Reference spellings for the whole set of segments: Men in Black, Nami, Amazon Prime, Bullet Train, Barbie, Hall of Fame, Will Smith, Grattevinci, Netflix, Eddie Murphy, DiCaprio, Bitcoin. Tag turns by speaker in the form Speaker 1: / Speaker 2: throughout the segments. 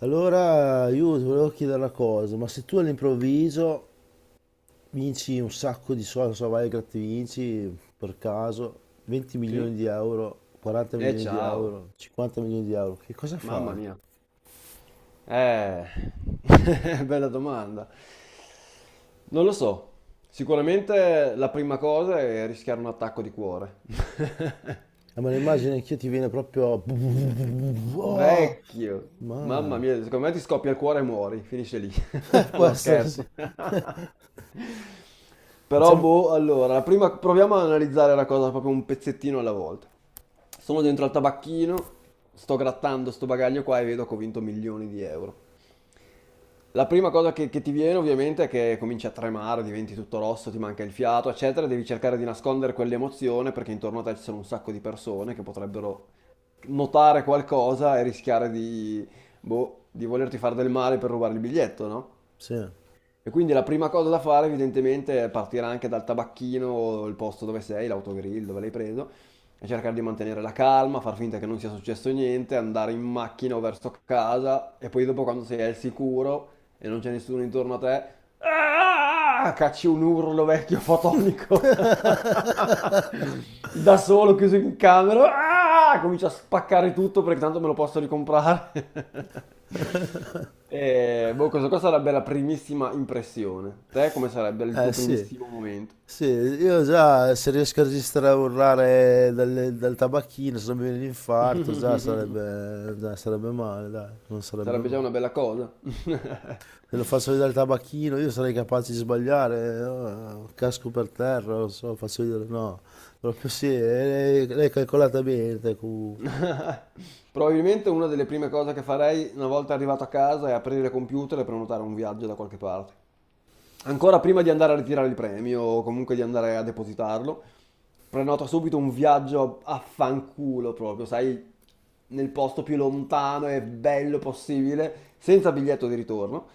Speaker 1: Allora io ti volevo chiedere una cosa, ma se tu all'improvviso vinci un sacco di soldi, non so, vai al Grattevinci per caso, 20
Speaker 2: Sì?
Speaker 1: milioni di euro, 40
Speaker 2: E
Speaker 1: milioni di
Speaker 2: ciao,
Speaker 1: euro, 50 milioni di euro, che cosa
Speaker 2: mamma
Speaker 1: fai?
Speaker 2: mia. Eh, bella domanda. Non lo so. Sicuramente la prima cosa è rischiare un attacco di cuore.
Speaker 1: Ma l'immagine anch'io ti viene proprio. Oh,
Speaker 2: Vecchio,
Speaker 1: ma.
Speaker 2: mamma mia, secondo me ti scoppia il cuore e muori, finisce lì.
Speaker 1: Può
Speaker 2: No,
Speaker 1: essere, sì.
Speaker 2: scherzo. Però,
Speaker 1: Diciamo.
Speaker 2: boh, allora, la prima, proviamo ad analizzare la cosa proprio un pezzettino alla volta. Sono dentro al tabacchino, sto grattando sto bagaglio qua e vedo che ho vinto milioni di euro. La prima cosa che ti viene ovviamente è che cominci a tremare, diventi tutto rosso, ti manca il fiato, eccetera, e devi cercare di nascondere quell'emozione perché intorno a te ci sono un sacco di persone che potrebbero notare qualcosa e rischiare di, boh, di volerti fare del male per rubare il biglietto, no?
Speaker 1: Sì.
Speaker 2: E quindi la prima cosa da fare evidentemente è partire anche dal tabacchino, il posto dove sei, l'autogrill dove l'hai preso, e cercare di mantenere la calma, far finta che non sia successo niente, andare in macchina o verso casa e poi dopo quando sei al sicuro e non c'è nessuno intorno a te, "Ah!" cacci un urlo vecchio fotonico da solo chiuso in camera, "Ah!" comincio a spaccare tutto perché tanto me lo posso ricomprare. E, boh, questa qua sarebbe la primissima impressione. Te come sarebbe il
Speaker 1: Eh
Speaker 2: tuo
Speaker 1: sì.
Speaker 2: primissimo momento?
Speaker 1: Sì, io già se riesco a registrare a urlare dal tabacchino, se non mi viene l'infarto, già sarebbe, già sarebbe male, dai, non sarebbe
Speaker 2: Sarebbe già
Speaker 1: male.
Speaker 2: una bella cosa.
Speaker 1: Se lo faccio vedere il tabacchino, io sarei capace di sbagliare, casco per terra, non so, faccio vedere, no. Proprio sì, l'hai calcolata bene, te, comunque.
Speaker 2: Probabilmente una delle prime cose che farei una volta arrivato a casa è aprire il computer e prenotare un viaggio da qualche parte. Ancora prima di andare a ritirare il premio o comunque di andare a depositarlo, prenoto subito un viaggio a fanculo proprio, sai, nel posto più lontano e bello possibile, senza biglietto di ritorno,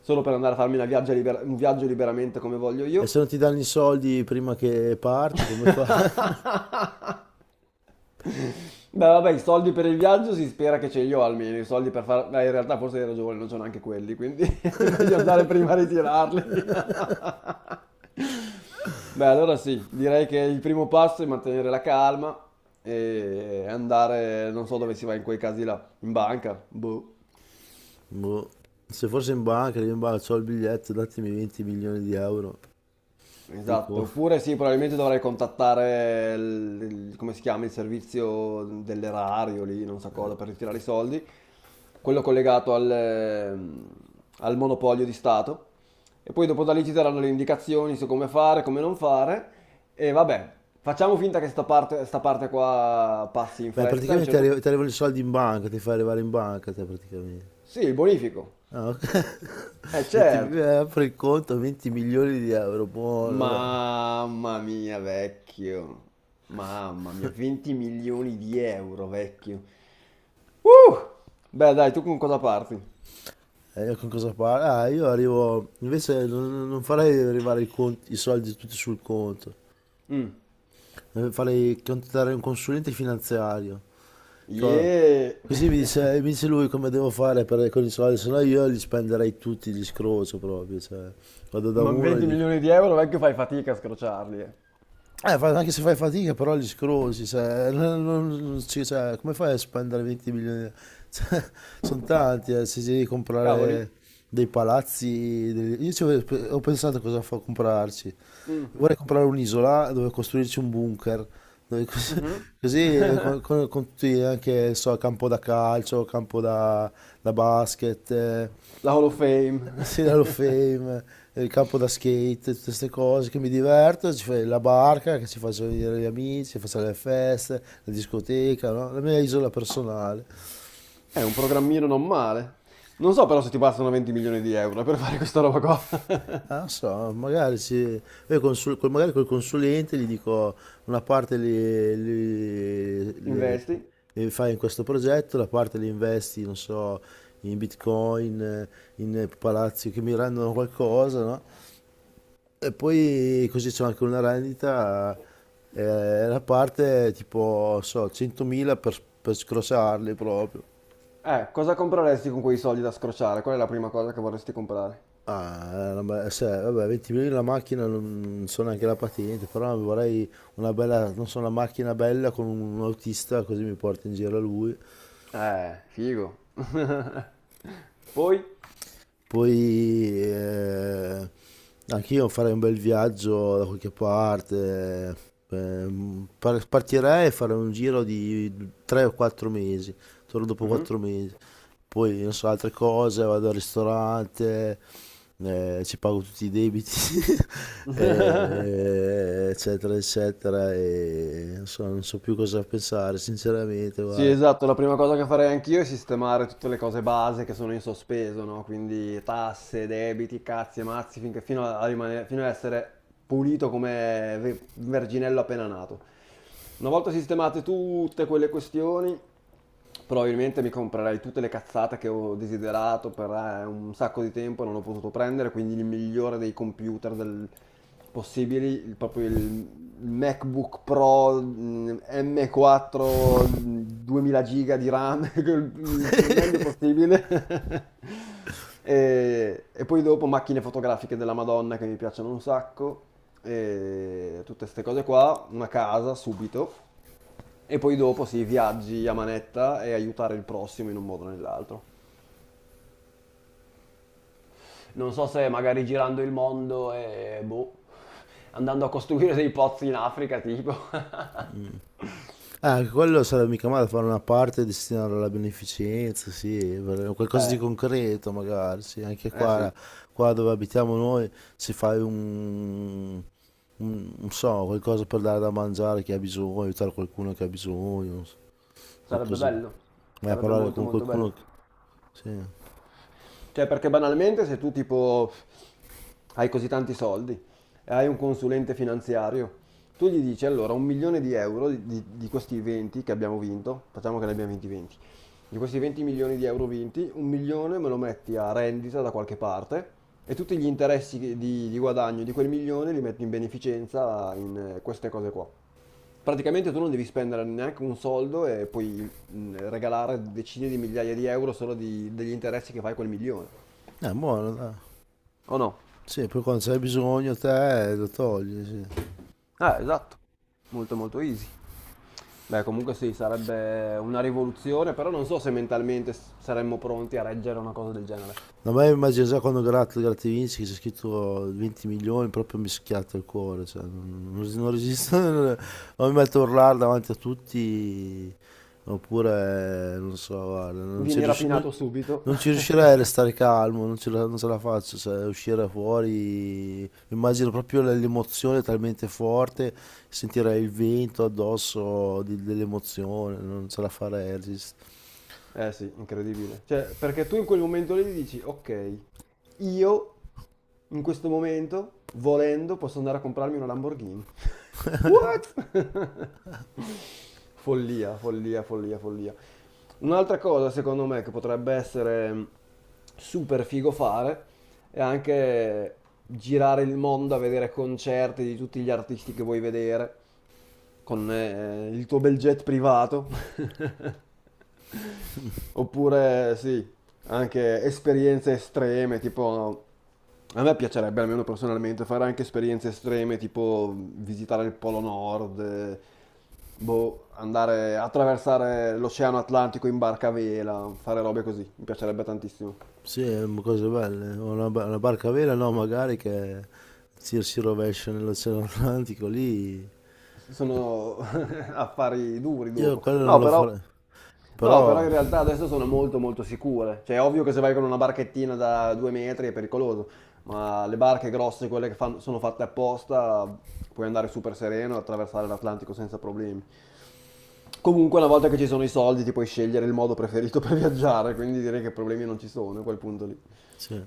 Speaker 2: solo per andare a farmi una un viaggio liberamente come voglio
Speaker 1: E se
Speaker 2: io.
Speaker 1: non ti danno i soldi prima che parti, come fai?
Speaker 2: Beh, vabbè, i soldi per il viaggio si spera che ce li ho almeno, i soldi per fare... Beh, in realtà forse hai ragione, non c'ho neanche quelli, quindi è meglio andare prima a ritirarli. Beh, allora sì, direi che il primo passo è mantenere la calma e andare, non so dove si va in quei casi là, in banca, boh.
Speaker 1: Boh. Se fosse in banca, io in banca, ho il biglietto, datemi 20 milioni di euro. Sul
Speaker 2: Esatto,
Speaker 1: conto.
Speaker 2: oppure sì, probabilmente dovrei contattare il come si chiama, il servizio dell'erario lì, non so cosa, per ritirare i soldi, quello collegato al monopolio di Stato. E poi dopo da lì ci daranno le indicazioni su come fare, come non fare. E vabbè, facciamo finta che sta parte qua passi in
Speaker 1: Beh,
Speaker 2: fretta. A un
Speaker 1: praticamente
Speaker 2: certo punto-
Speaker 1: ti arrivano i soldi in banca, ti fai arrivare in banca te praticamente.
Speaker 2: Sì, il bonifico.
Speaker 1: Ah, ok.
Speaker 2: Eh
Speaker 1: 20,
Speaker 2: certo.
Speaker 1: apri il conto, 20 milioni di euro, buono, dai.
Speaker 2: Mamma mia, vecchio. Mamma mia, 20 milioni di euro, vecchio. Uh! Beh, dai, tu con cosa parti?
Speaker 1: E io con cosa parlo? Ah, io arrivo, invece non farei arrivare i soldi tutti sul conto.
Speaker 2: Mm.
Speaker 1: Farei contattare un consulente finanziario. Co-
Speaker 2: Yeah!
Speaker 1: Così mi dice, mi dice lui come devo fare per, con i soldi, se no io li spenderei tutti, li scrocio proprio, cioè, vado da
Speaker 2: Ma
Speaker 1: uno e gli
Speaker 2: 20
Speaker 1: dico.
Speaker 2: milioni di euro, vecchio, fai fatica a scrociarli, eh.
Speaker 1: Anche se fai fatica, però li scrosi, cioè, non- non- non ci- cioè, come fai a spendere 20 milioni? Cioè, sono tanti, se devi
Speaker 2: Cavoli.
Speaker 1: comprare dei palazzi, io ci ho pensato cosa fa comprarci.
Speaker 2: Mm.
Speaker 1: Vorrei comprare un'isola dove costruirci un bunker, dove
Speaker 2: Mhm.
Speaker 1: così, con tutti anche, so, campo da calcio, campo da basket,
Speaker 2: La Hall of Fame.
Speaker 1: sì, l'Hall of Fame, il campo da skate, tutte queste cose che mi diverto, ci fai la barca, che ci faccio venire gli amici, ci faccio le feste, la discoteca, no? La mia isola personale.
Speaker 2: È un programmino non male. Non so però se ti bastano 20 milioni di euro per fare questa roba qua.
Speaker 1: Ah, non so, magari, ci, io consul- col- magari col consulente gli dico una parte
Speaker 2: Investi?
Speaker 1: le fai in questo progetto, la parte li investi, non so, in Bitcoin, in palazzi che mi rendono qualcosa, no? E poi così c'è anche una rendita, la parte tipo, so, 100.000 per scrossarli proprio.
Speaker 2: Cosa compreresti con quei soldi da scrociare? Qual è la prima cosa che vorresti comprare?
Speaker 1: Ah, una cioè, vabbè, 20.000 la macchina non so neanche la patente, però vorrei una bella, non so, una macchina bella con un autista così mi porta in giro lui.
Speaker 2: Figo. Poi?
Speaker 1: Poi anch'io farei un bel viaggio da qualche parte, partirei e farei un giro di 3 o 4 mesi, torno dopo
Speaker 2: Mhm.
Speaker 1: 4 mesi. Poi non so, altre cose, vado al ristorante, ci pago tutti i debiti, eccetera, eccetera, e non so più cosa pensare, sinceramente,
Speaker 2: Sì,
Speaker 1: guarda.
Speaker 2: esatto, la prima cosa che farei anch'io è sistemare tutte le cose base che sono in sospeso, no? Quindi tasse, debiti, cazzi e mazzi, finché, fino a, a rimanere- fino a essere pulito come verginello appena nato. Una volta sistemate tutte quelle questioni, probabilmente mi comprerei tutte le cazzate che ho desiderato per un sacco di tempo e non ho potuto prendere, quindi il migliore dei computer possibili, proprio il MacBook Pro M4 2000 giga di RAM, il meglio possibile. E poi dopo macchine fotografiche della Madonna che mi piacciono un sacco, e tutte queste cose qua, una casa subito. E poi dopo si viaggi a manetta e aiutare il prossimo in un modo o nell'altro. Non so se magari girando il mondo e boh, andando a costruire dei pozzi in Africa, tipo.
Speaker 1: Ah, anche quello sarebbe mica male fare una parte destinare alla beneficenza, sì, qualcosa di
Speaker 2: Eh,
Speaker 1: concreto magari, sì, anche
Speaker 2: eh sì,
Speaker 1: qua dove abitiamo noi si fa un, non so, qualcosa per dare da mangiare a chi ha bisogno, aiutare qualcuno che ha bisogno, non so,
Speaker 2: sarebbe
Speaker 1: qualcosa,
Speaker 2: bello,
Speaker 1: vai a
Speaker 2: sarebbe
Speaker 1: parlare
Speaker 2: molto
Speaker 1: con
Speaker 2: molto bello.
Speaker 1: qualcuno, sì,
Speaker 2: Cioè, perché banalmente se tu tipo hai così tanti soldi e hai un consulente finanziario, tu gli dici allora un milione di euro di questi 20 che abbiamo vinto, facciamo che ne abbiamo vinti 20, di questi 20 milioni di euro vinti, un milione me lo metti a rendita da qualche parte e tutti gli interessi di guadagno di quel milione li metti in beneficenza in queste cose qua. Praticamente tu non devi spendere neanche un soldo e puoi regalare decine di migliaia di euro solo di- degli interessi che fai quel milione.
Speaker 1: è buono, dai.
Speaker 2: O no?
Speaker 1: Sì, poi quando c'è bisogno te lo togli, sì.
Speaker 2: Esatto. Molto molto easy. Beh, comunque sì, sarebbe una rivoluzione, però non so se mentalmente saremmo pronti a reggere una cosa del genere.
Speaker 1: No, ma io immagino già quando Grattevinci che c'è scritto 20 milioni, proprio mi schiatta il cuore, cioè, non resisto, o mi metto a urlare davanti a tutti, oppure, non so, guarda,
Speaker 2: Vieni rapinato subito
Speaker 1: non ci riuscirei a restare calmo, non ce la faccio, cioè, uscire fuori, immagino proprio l'emozione talmente forte, sentirei il vento addosso dell'emozione, non ce la farei,
Speaker 2: Eh sì, incredibile. Cioè, perché tu in quel momento lì dici, ok, io in questo momento, volendo, posso andare a comprarmi una Lamborghini. What? Follia, follia, follia, follia. Un'altra cosa, secondo me, che potrebbe essere super figo fare è anche girare il mondo a vedere concerti di tutti gli artisti che vuoi vedere con il tuo bel jet privato. Oppure sì, anche esperienze estreme, tipo a me piacerebbe almeno personalmente fare anche esperienze estreme, tipo visitare il Polo Nord, boh, andare a attraversare l'Oceano Atlantico in barca a vela, fare robe così, mi piacerebbe tantissimo.
Speaker 1: Sì, cose belle. Una barca a vela, no, magari che si rovescia nell'Oceano Atlantico lì.
Speaker 2: Sono affari duri
Speaker 1: Io
Speaker 2: dopo.
Speaker 1: quello non
Speaker 2: No,
Speaker 1: lo
Speaker 2: però,
Speaker 1: farei.
Speaker 2: no, però
Speaker 1: Però,
Speaker 2: in realtà adesso sono molto molto sicure. Cioè, è ovvio che se vai con una barchettina da 2 metri è pericoloso, ma le barche grosse, quelle che sono fatte apposta, puoi andare super sereno e attraversare l'Atlantico senza problemi. Comunque, una volta che ci sono i soldi, ti puoi scegliere il modo preferito per viaggiare, quindi direi che problemi non ci sono a quel punto lì.
Speaker 1: sì,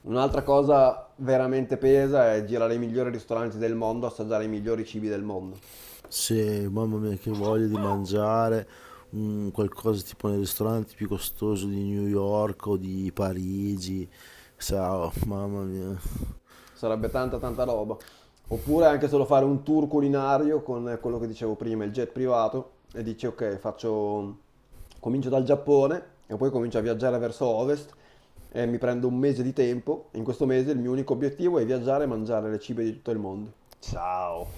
Speaker 2: Un'altra cosa veramente pesa è girare i migliori ristoranti del mondo, assaggiare i migliori cibi del mondo.
Speaker 1: sì, mamma mia, che voglia di mangiare un qualcosa tipo nei ristoranti più costosi di New York o di Parigi. Ciao, mamma mia.
Speaker 2: Sarebbe tanta tanta roba. Oppure anche solo fare un tour culinario con quello che dicevo prima, il jet privato, e dici ok, faccio... comincio dal Giappone e poi comincio a viaggiare verso ovest e mi prendo un mese di tempo. In questo mese il mio unico obiettivo è viaggiare e mangiare le cibi di tutto il mondo. Ciao.